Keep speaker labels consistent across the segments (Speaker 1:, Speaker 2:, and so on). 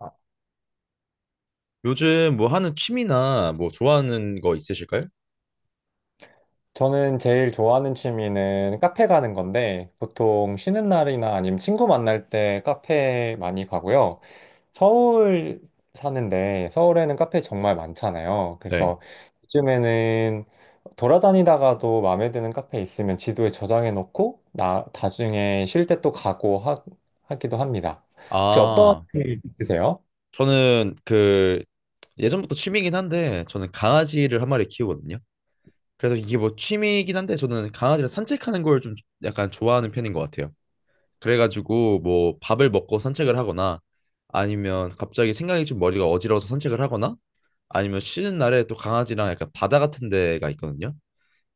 Speaker 1: 아, 요즘 뭐 하는 취미나 뭐 좋아하는 거 있으실까요?
Speaker 2: 저는 제일 좋아하는 취미는 카페 가는 건데, 보통 쉬는 날이나 아니면 친구 만날 때 카페 많이 가고요. 서울 사는데, 서울에는 카페 정말 많잖아요.
Speaker 1: 네.
Speaker 2: 그래서 요즘에는 돌아다니다가도 마음에 드는 카페 있으면 지도에 저장해 놓고, 나중에 쉴 때 또 가고 하기도 합니다. 혹시 어, 떤 거
Speaker 1: 아,
Speaker 2: 있으세요?
Speaker 1: 저는 그 예전부터 취미이긴 한데 저는 강아지를 한 마리 키우거든요. 그래서 이게 뭐 취미이긴 한데 저는 강아지를 산책하는 걸 좀 약간 좋아하는 편인 것 같아요. 그래가지고 뭐 밥을 먹고 산책을 하거나 아니면 갑자기 생각이 좀 머리가 어지러워서 산책을 하거나 아니면 쉬는 날에 또 강아지랑 약간 바다 같은 데가 있거든요.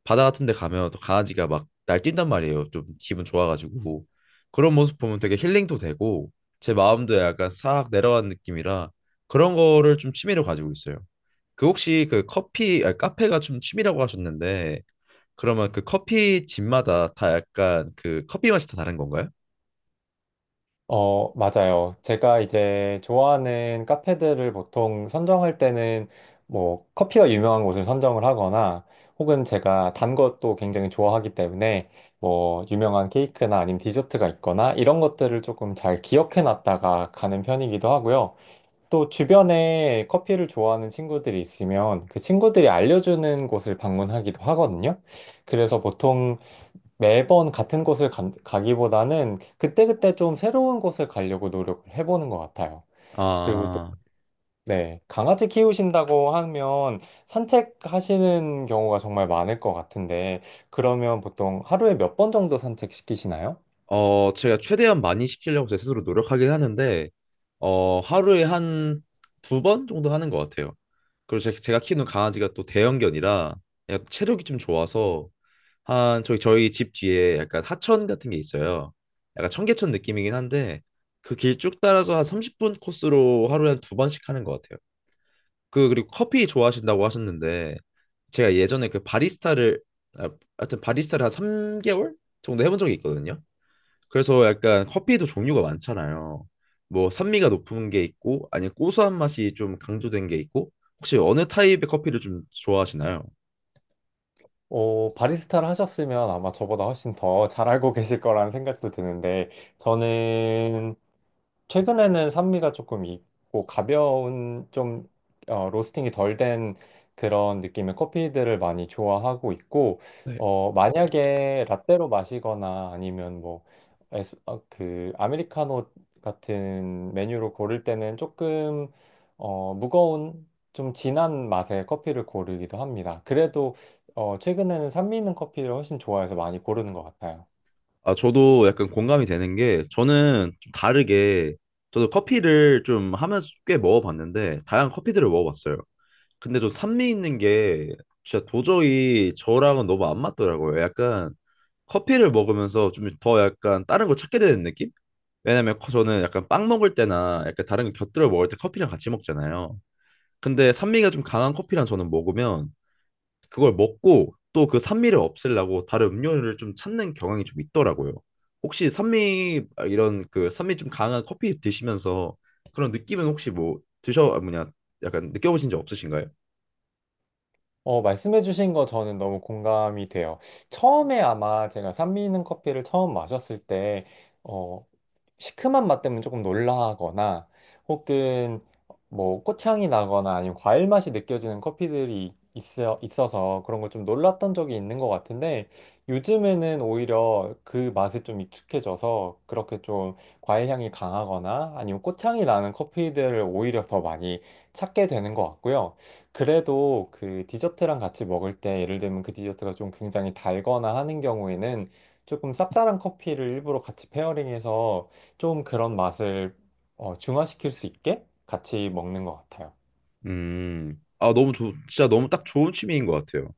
Speaker 1: 바다 같은 데 가면 또 강아지가 막 날뛴단 말이에요. 좀 기분 좋아가지고. 그런 모습 보면 되게 힐링도 되고 제 마음도 약간 싹 내려간 느낌이라 그런 거를 좀 취미로 가지고 있어요. 그 혹시 그 커피 카페가 좀 취미라고 하셨는데 그러면 그 커피 집마다 다 약간 그 커피 맛이 다 다른 건가요?
Speaker 2: 맞아요. 제가 이제 좋아하는 카페들을 보통 선정할 때는 뭐 커피가 유명한 곳을 선정을 하거나 혹은 제가 단 것도 굉장히 좋아하기 때문에 뭐 유명한 케이크나 아니면 디저트가 있거나 이런 것들을 조금 잘 기억해 놨다가 가는 편이기도 하고요. 또 주변에 커피를 좋아하는 친구들이 있으면 그 친구들이 알려주는 곳을 방문하기도 하거든요. 그래서 보통 매번 같은 곳을 가기보다는 그때그때 좀 새로운 곳을 가려고 노력을 해보는 것 같아요. 그리고 또,
Speaker 1: 아,
Speaker 2: 네, 강아지 키우신다고 하면 산책하시는 경우가 정말 많을 것 같은데, 그러면 보통 하루에 몇 번 정도 산책시키시나요?
Speaker 1: 제가 최대한 많이 시키려고 제 스스로 노력하긴 하는데, 하루에 한 두 번 정도 하는 것 같아요. 그리고 제가 키우는 강아지가 또 대형견이라 약간 체력이 좀 좋아서 한 저희 집 뒤에 약간 하천 같은 게 있어요. 약간 청계천 느낌이긴 한데 그 길 쭉 따라서 한 30분 코스로 하루에 한 두 번씩 하는 것 같아요. 그 그리고 커피 좋아하신다고 하셨는데 제가 예전에 그 바리스타를 아, 하여튼 바리스타를 한 3개월 정도 해본 적이 있거든요. 그래서 약간 커피에도 종류가 많잖아요. 뭐 산미가 높은 게 있고 아니면 고소한 맛이 좀 강조된 게 있고 혹시 어느 타입의 커피를 좀 좋아하시나요?
Speaker 2: 바리스타를 하셨으면 아마 저보다 훨씬 더 잘 알고 계실 거라는 생각도 드는데, 저는 최근에는 산미가 조금 있고 가벼운 좀 로스팅이 덜 된 그런 느낌의 커피들을 많이 좋아하고 있고
Speaker 1: 네.
Speaker 2: 만약에 라떼로 마시거나 아니면 뭐 그 아메리카노 같은 메뉴로 고를 때는 조금 무거운 좀 진한 맛의 커피를 고르기도 합니다. 그래도 최근에는 산미 있는 커피를 훨씬 좋아해서 많이 고르는 것 같아요.
Speaker 1: 아, 저도 약간 공감이 되는 게 저는 좀 다르게 저도 커피를 좀 하면서 꽤 먹어봤는데 다양한 커피들을 먹어봤어요. 근데 좀 산미 있는 게 진짜 도저히 저랑은 너무 안 맞더라고요. 약간 커피를 먹으면서 좀 더 약간 다른 걸 찾게 되는 느낌? 왜냐면 저는 약간 빵 먹을 때나 약간 다른 거 곁들여 먹을 때 커피랑 같이 먹잖아요. 근데 산미가 좀 강한 커피랑 저는 먹으면 그걸 먹고 또 그 산미를 없애려고 다른 음료를 좀 찾는 경향이 좀 있더라고요. 혹시 산미 이런 그 산미 좀 강한 커피 드시면서 그런 느낌은 혹시 뭐 드셔 아, 뭐냐 약간 느껴보신 적 없으신가요?
Speaker 2: 말씀해주신 거 저는 너무 공감이 돼요. 처음에 아마 제가 산미 있는 커피를 처음 마셨을 때, 어, 시큼한 맛 때문에 조금 놀라거나 혹은 뭐 꽃향이 나거나 아니면 과일 맛이 느껴지는 커피들이 있어서 그런 걸 좀 놀랐던 적이 있는 것 같은데 요즘에는 오히려 그 맛에 좀 익숙해져서 그렇게 좀 과일 향이 강하거나 아니면 꽃향이 나는 커피들을 오히려 더 많이 찾게 되는 것 같고요. 그래도 그 디저트랑 같이 먹을 때 예를 들면 그 디저트가 좀 굉장히 달거나 하는 경우에는 조금 쌉쌀한 커피를 일부러 같이 페어링해서 좀 그런 맛을 중화시킬 수 있게 같이 먹는 것 같아요.
Speaker 1: 아 너무 좋 진짜 너무 딱 좋은 취미인 것 같아요.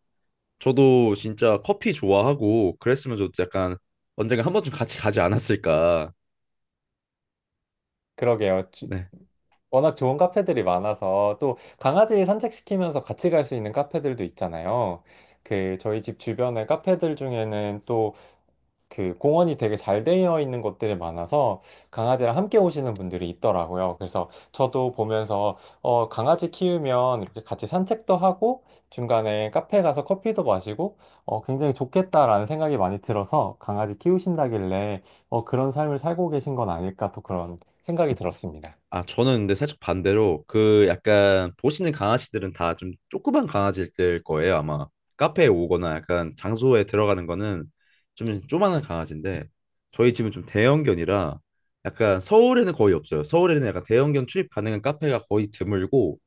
Speaker 1: 저도 진짜 커피 좋아하고 그랬으면 저도 약간 언젠가 한 번쯤 같이 가지 않았을까.
Speaker 2: 그러게요.
Speaker 1: 네.
Speaker 2: 워낙 좋은 카페들이 많아서 또 강아지 산책시키면서 같이 갈 수 있는 카페들도 있잖아요. 그 저희 집 주변의 카페들 중에는 또 그 공원이 되게 잘 되어 있는 곳들이 많아서 강아지랑 함께 오시는 분들이 있더라고요. 그래서 저도 보면서 강아지 키우면 이렇게 같이 산책도 하고 중간에 카페 가서 커피도 마시고 굉장히 좋겠다라는 생각이 많이 들어서 강아지 키우신다길래 그런 삶을 살고 계신 건 아닐까 또 그런 생각이 들었습니다.
Speaker 1: 저는 근데 살짝 반대로 그 약간 보시는 강아지들은 다 좀 조그만 강아지일 거예요, 아마. 카페에 오거나 약간 장소에 들어가는 거는 좀 조그만한 강아지인데 저희 집은 좀 대형견이라 약간 서울에는 거의 없어요. 서울에는 약간 대형견 출입 가능한 카페가 거의 드물고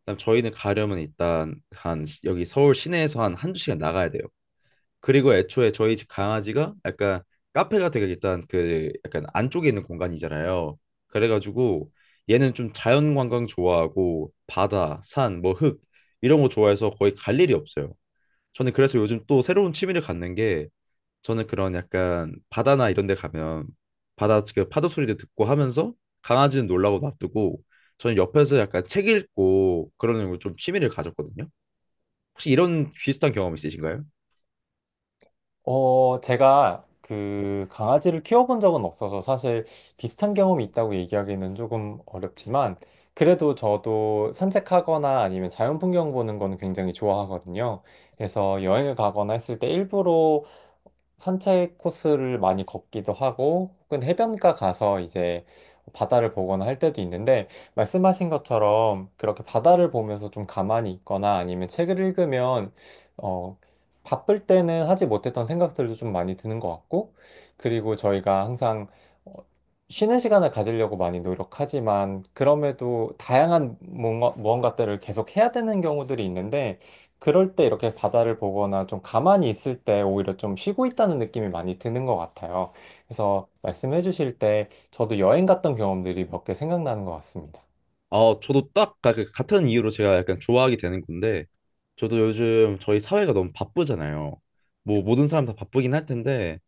Speaker 1: 그다음 저희는 가려면 일단 여기 서울 시내에서 한 한두 시간 나가야 돼요. 그리고 애초에 저희 집 강아지가 약간 카페가 되게 일단 그 약간 안쪽에 있는 공간이잖아요. 그래가지고 얘는 좀 자연 관광 좋아하고 바다, 산, 뭐 흙 이런 거 좋아해서 거의 갈 일이 없어요. 저는 그래서 요즘 또 새로운 취미를 갖는 게 저는 그런 약간 바다나 이런 데 가면 바다 그 파도 소리도 듣고 하면서 강아지는 놀라고 놔두고 저는 옆에서 약간 책 읽고 그러는 걸 좀 취미를 가졌거든요. 혹시 이런 비슷한 경험 있으신가요?
Speaker 2: 제가 그 강아지를 키워본 적은 없어서 사실 비슷한 경험이 있다고 얘기하기는 조금 어렵지만 그래도 저도 산책하거나 아니면 자연 풍경 보는 거는 굉장히 좋아하거든요. 그래서 여행을 가거나 했을 때 일부러 산책 코스를 많이 걷기도 하고, 혹은 해변가 가서 이제 바다를 보거나 할 때도 있는데, 말씀하신 것처럼 그렇게 바다를 보면서 좀 가만히 있거나 아니면 책을 읽으면, 어, 바쁠 때는 하지 못했던 생각들도 좀 많이 드는 것 같고, 그리고 저희가 항상 어, 쉬는 시간을 가지려고 많이 노력하지만, 그럼에도 다양한 무언가들을 계속 해야 되는 경우들이 있는데, 그럴 때 이렇게 바다를 보거나 좀 가만히 있을 때 오히려 좀 쉬고 있다는 느낌이 많이 드는 것 같아요. 그래서 말씀해 주실 때 저도 여행 갔던 경험들이 몇 개 생각나는 것 같습니다.
Speaker 1: 저도 딱 그 같은 이유로 제가 약간 좋아하게 되는 건데, 저도 요즘 저희 사회가 너무 바쁘잖아요. 뭐 모든 사람 다 바쁘긴 할 텐데,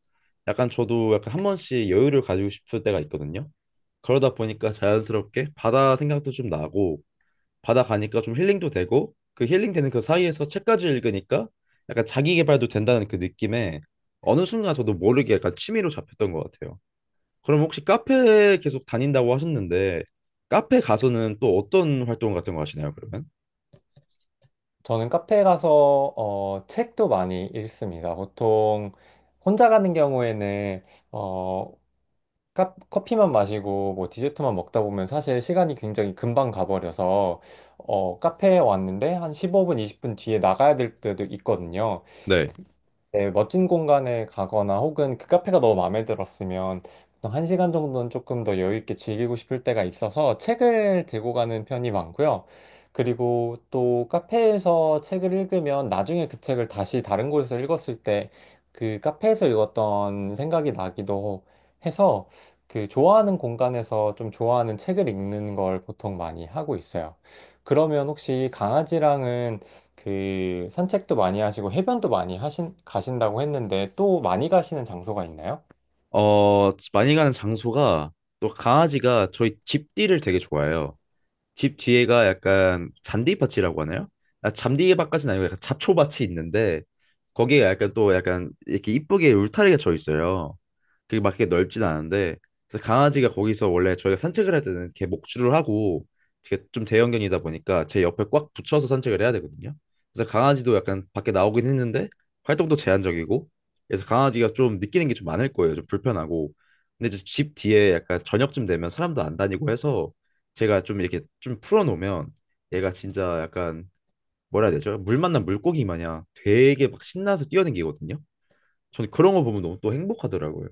Speaker 1: 약간 저도 약간 한 번씩 여유를 가지고 싶을 때가 있거든요. 그러다 보니까 자연스럽게 바다 생각도 좀 나고, 바다 가니까 좀 힐링도 되고, 그 힐링되는 그 사이에서 책까지 읽으니까 약간 자기 개발도 된다는 그 느낌에 어느 순간 저도 모르게 약간 취미로 잡혔던 것 같아요. 그럼 혹시 카페 계속 다닌다고 하셨는데 카페 가서는 또 어떤 활동 같은 거 하시나요, 그러면?
Speaker 2: 저는 카페에 가서 책도 많이 읽습니다. 보통 혼자 가는 경우에는 어, 커피만 마시고 뭐 디저트만 먹다 보면 사실 시간이 굉장히 금방 가버려서 어, 카페에 왔는데 한 15분, 20분 뒤에 나가야 될 때도 있거든요.
Speaker 1: 네.
Speaker 2: 그- 네, 멋진 공간에 가거나 혹은 그 카페가 너무 마음에 들었으면 보통 한 시간 정도는 조금 더 여유 있게 즐기고 싶을 때가 있어서 책을 들고 가는 편이 많고요. 그리고 또 카페에서 책을 읽으면 나중에 그 책을 다시 다른 곳에서 읽었을 때 그 카페에서 읽었던 생각이 나기도 해서 그 좋아하는 공간에서 좀 좋아하는 책을 읽는 걸 보통 많이 하고 있어요. 그러면 혹시 강아지랑은 그 산책도 많이 하시고 해변도 많이 가신다고 했는데 또 많이 가시는 장소가 있나요?
Speaker 1: 많이 가는 장소가 또 강아지가 저희 집띠를 되게 좋아해요. 집 뒤에가 약간 잔디밭이라고 하나요? 잔디밭까지는 아니고 약간 잡초밭이 있는데 거기에 약간 또 약간 이렇게 이쁘게 울타리가 쳐 있어요. 그게 막 이렇게 넓진 않은데 그래서 강아지가 거기서 원래 저희가 산책을 할 때는 이렇게 목줄을 하고 이게 좀 대형견이다 보니까 제 옆에 꽉 붙여서 산책을 해야 되거든요. 그래서 강아지도 약간 밖에 나오긴 했는데 활동도 제한적이고 그래서 강아지가 좀 느끼는 게 좀 많을 거예요. 좀 불편하고 근데 이제 집 뒤에 약간 저녁쯤 되면 사람도 안 다니고 해서 제가 좀 이렇게 좀 풀어놓으면 얘가 진짜 약간 뭐라 해야 되죠? 물 만난 물고기 마냥 되게 막 신나서 뛰어댕기거든요. 저는 그런 거 보면 너무 또 행복하더라고요.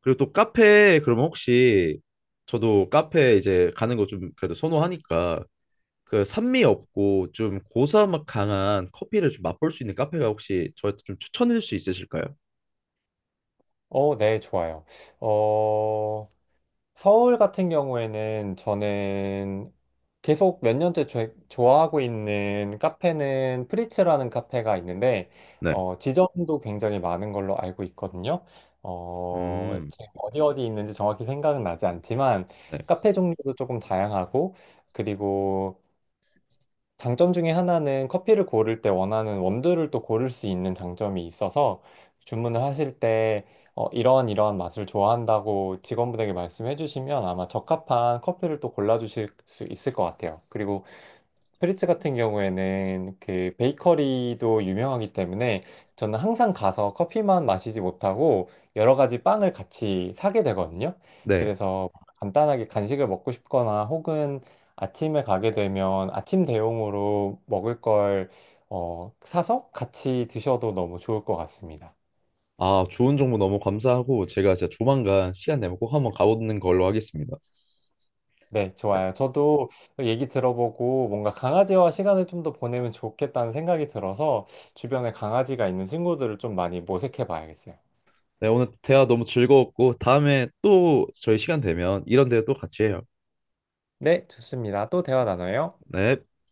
Speaker 1: 그리고 또 카페 그러면 혹시 저도 카페 이제 가는 거 좀 그래도 선호하니까 그 산미 없고 좀 고사맛 강한 커피를 좀 맛볼 수 있는 카페가 혹시 저한테 좀 추천해 줄 수 있으실까요?
Speaker 2: 어, 네, 좋아요. 어, 서울 같은 경우에는 저는 계속 몇 년째 좋아하고 있는 카페는 프리츠라는 카페가 있는데,
Speaker 1: 네.
Speaker 2: 지점도 굉장히 많은 걸로 알고 있거든요.
Speaker 1: 음.
Speaker 2: 지금 어디 어디 있는지 정확히 생각은 나지 않지만,
Speaker 1: 네.
Speaker 2: 카페 종류도 조금 다양하고, 그리고 장점 중에 하나는 커피를 고를 때 원하는 원두를 또 고를 수 있는 장점이 있어서 주문을 하실 때 이러한 맛을 좋아한다고 직원분에게 말씀해 주시면 아마 적합한 커피를 또 골라주실 수 있을 것 같아요. 그리고 프리츠 같은 경우에는 그 베이커리도 유명하기 때문에 저는 항상 가서 커피만 마시지 못하고 여러 가지 빵을 같이 사게 되거든요.
Speaker 1: 네.
Speaker 2: 그래서 간단하게 간식을 먹고 싶거나 혹은 아침에 가게 되면 아침 대용으로 먹을 걸 사서 같이 드셔도 너무 좋을 것 같습니다.
Speaker 1: 아, 좋은 정보 너무 감사하고 제가 진짜 조만간 시간 내면 꼭 한번 가보는 걸로 하겠습니다.
Speaker 2: 네,
Speaker 1: 네.
Speaker 2: 좋아요. 저도 얘기 들어보고 뭔가 강아지와 시간을 좀 더 보내면 좋겠다는 생각이 들어서 주변에 강아지가 있는 친구들을 좀 많이 모색해 봐야겠어요.
Speaker 1: 네, 오늘 대화 너무 즐거웠고, 다음에 또 저희 시간 되면 이런 대화 또 같이 해요.
Speaker 2: 네, 좋습니다. 또 대화 나눠요.
Speaker 1: 네.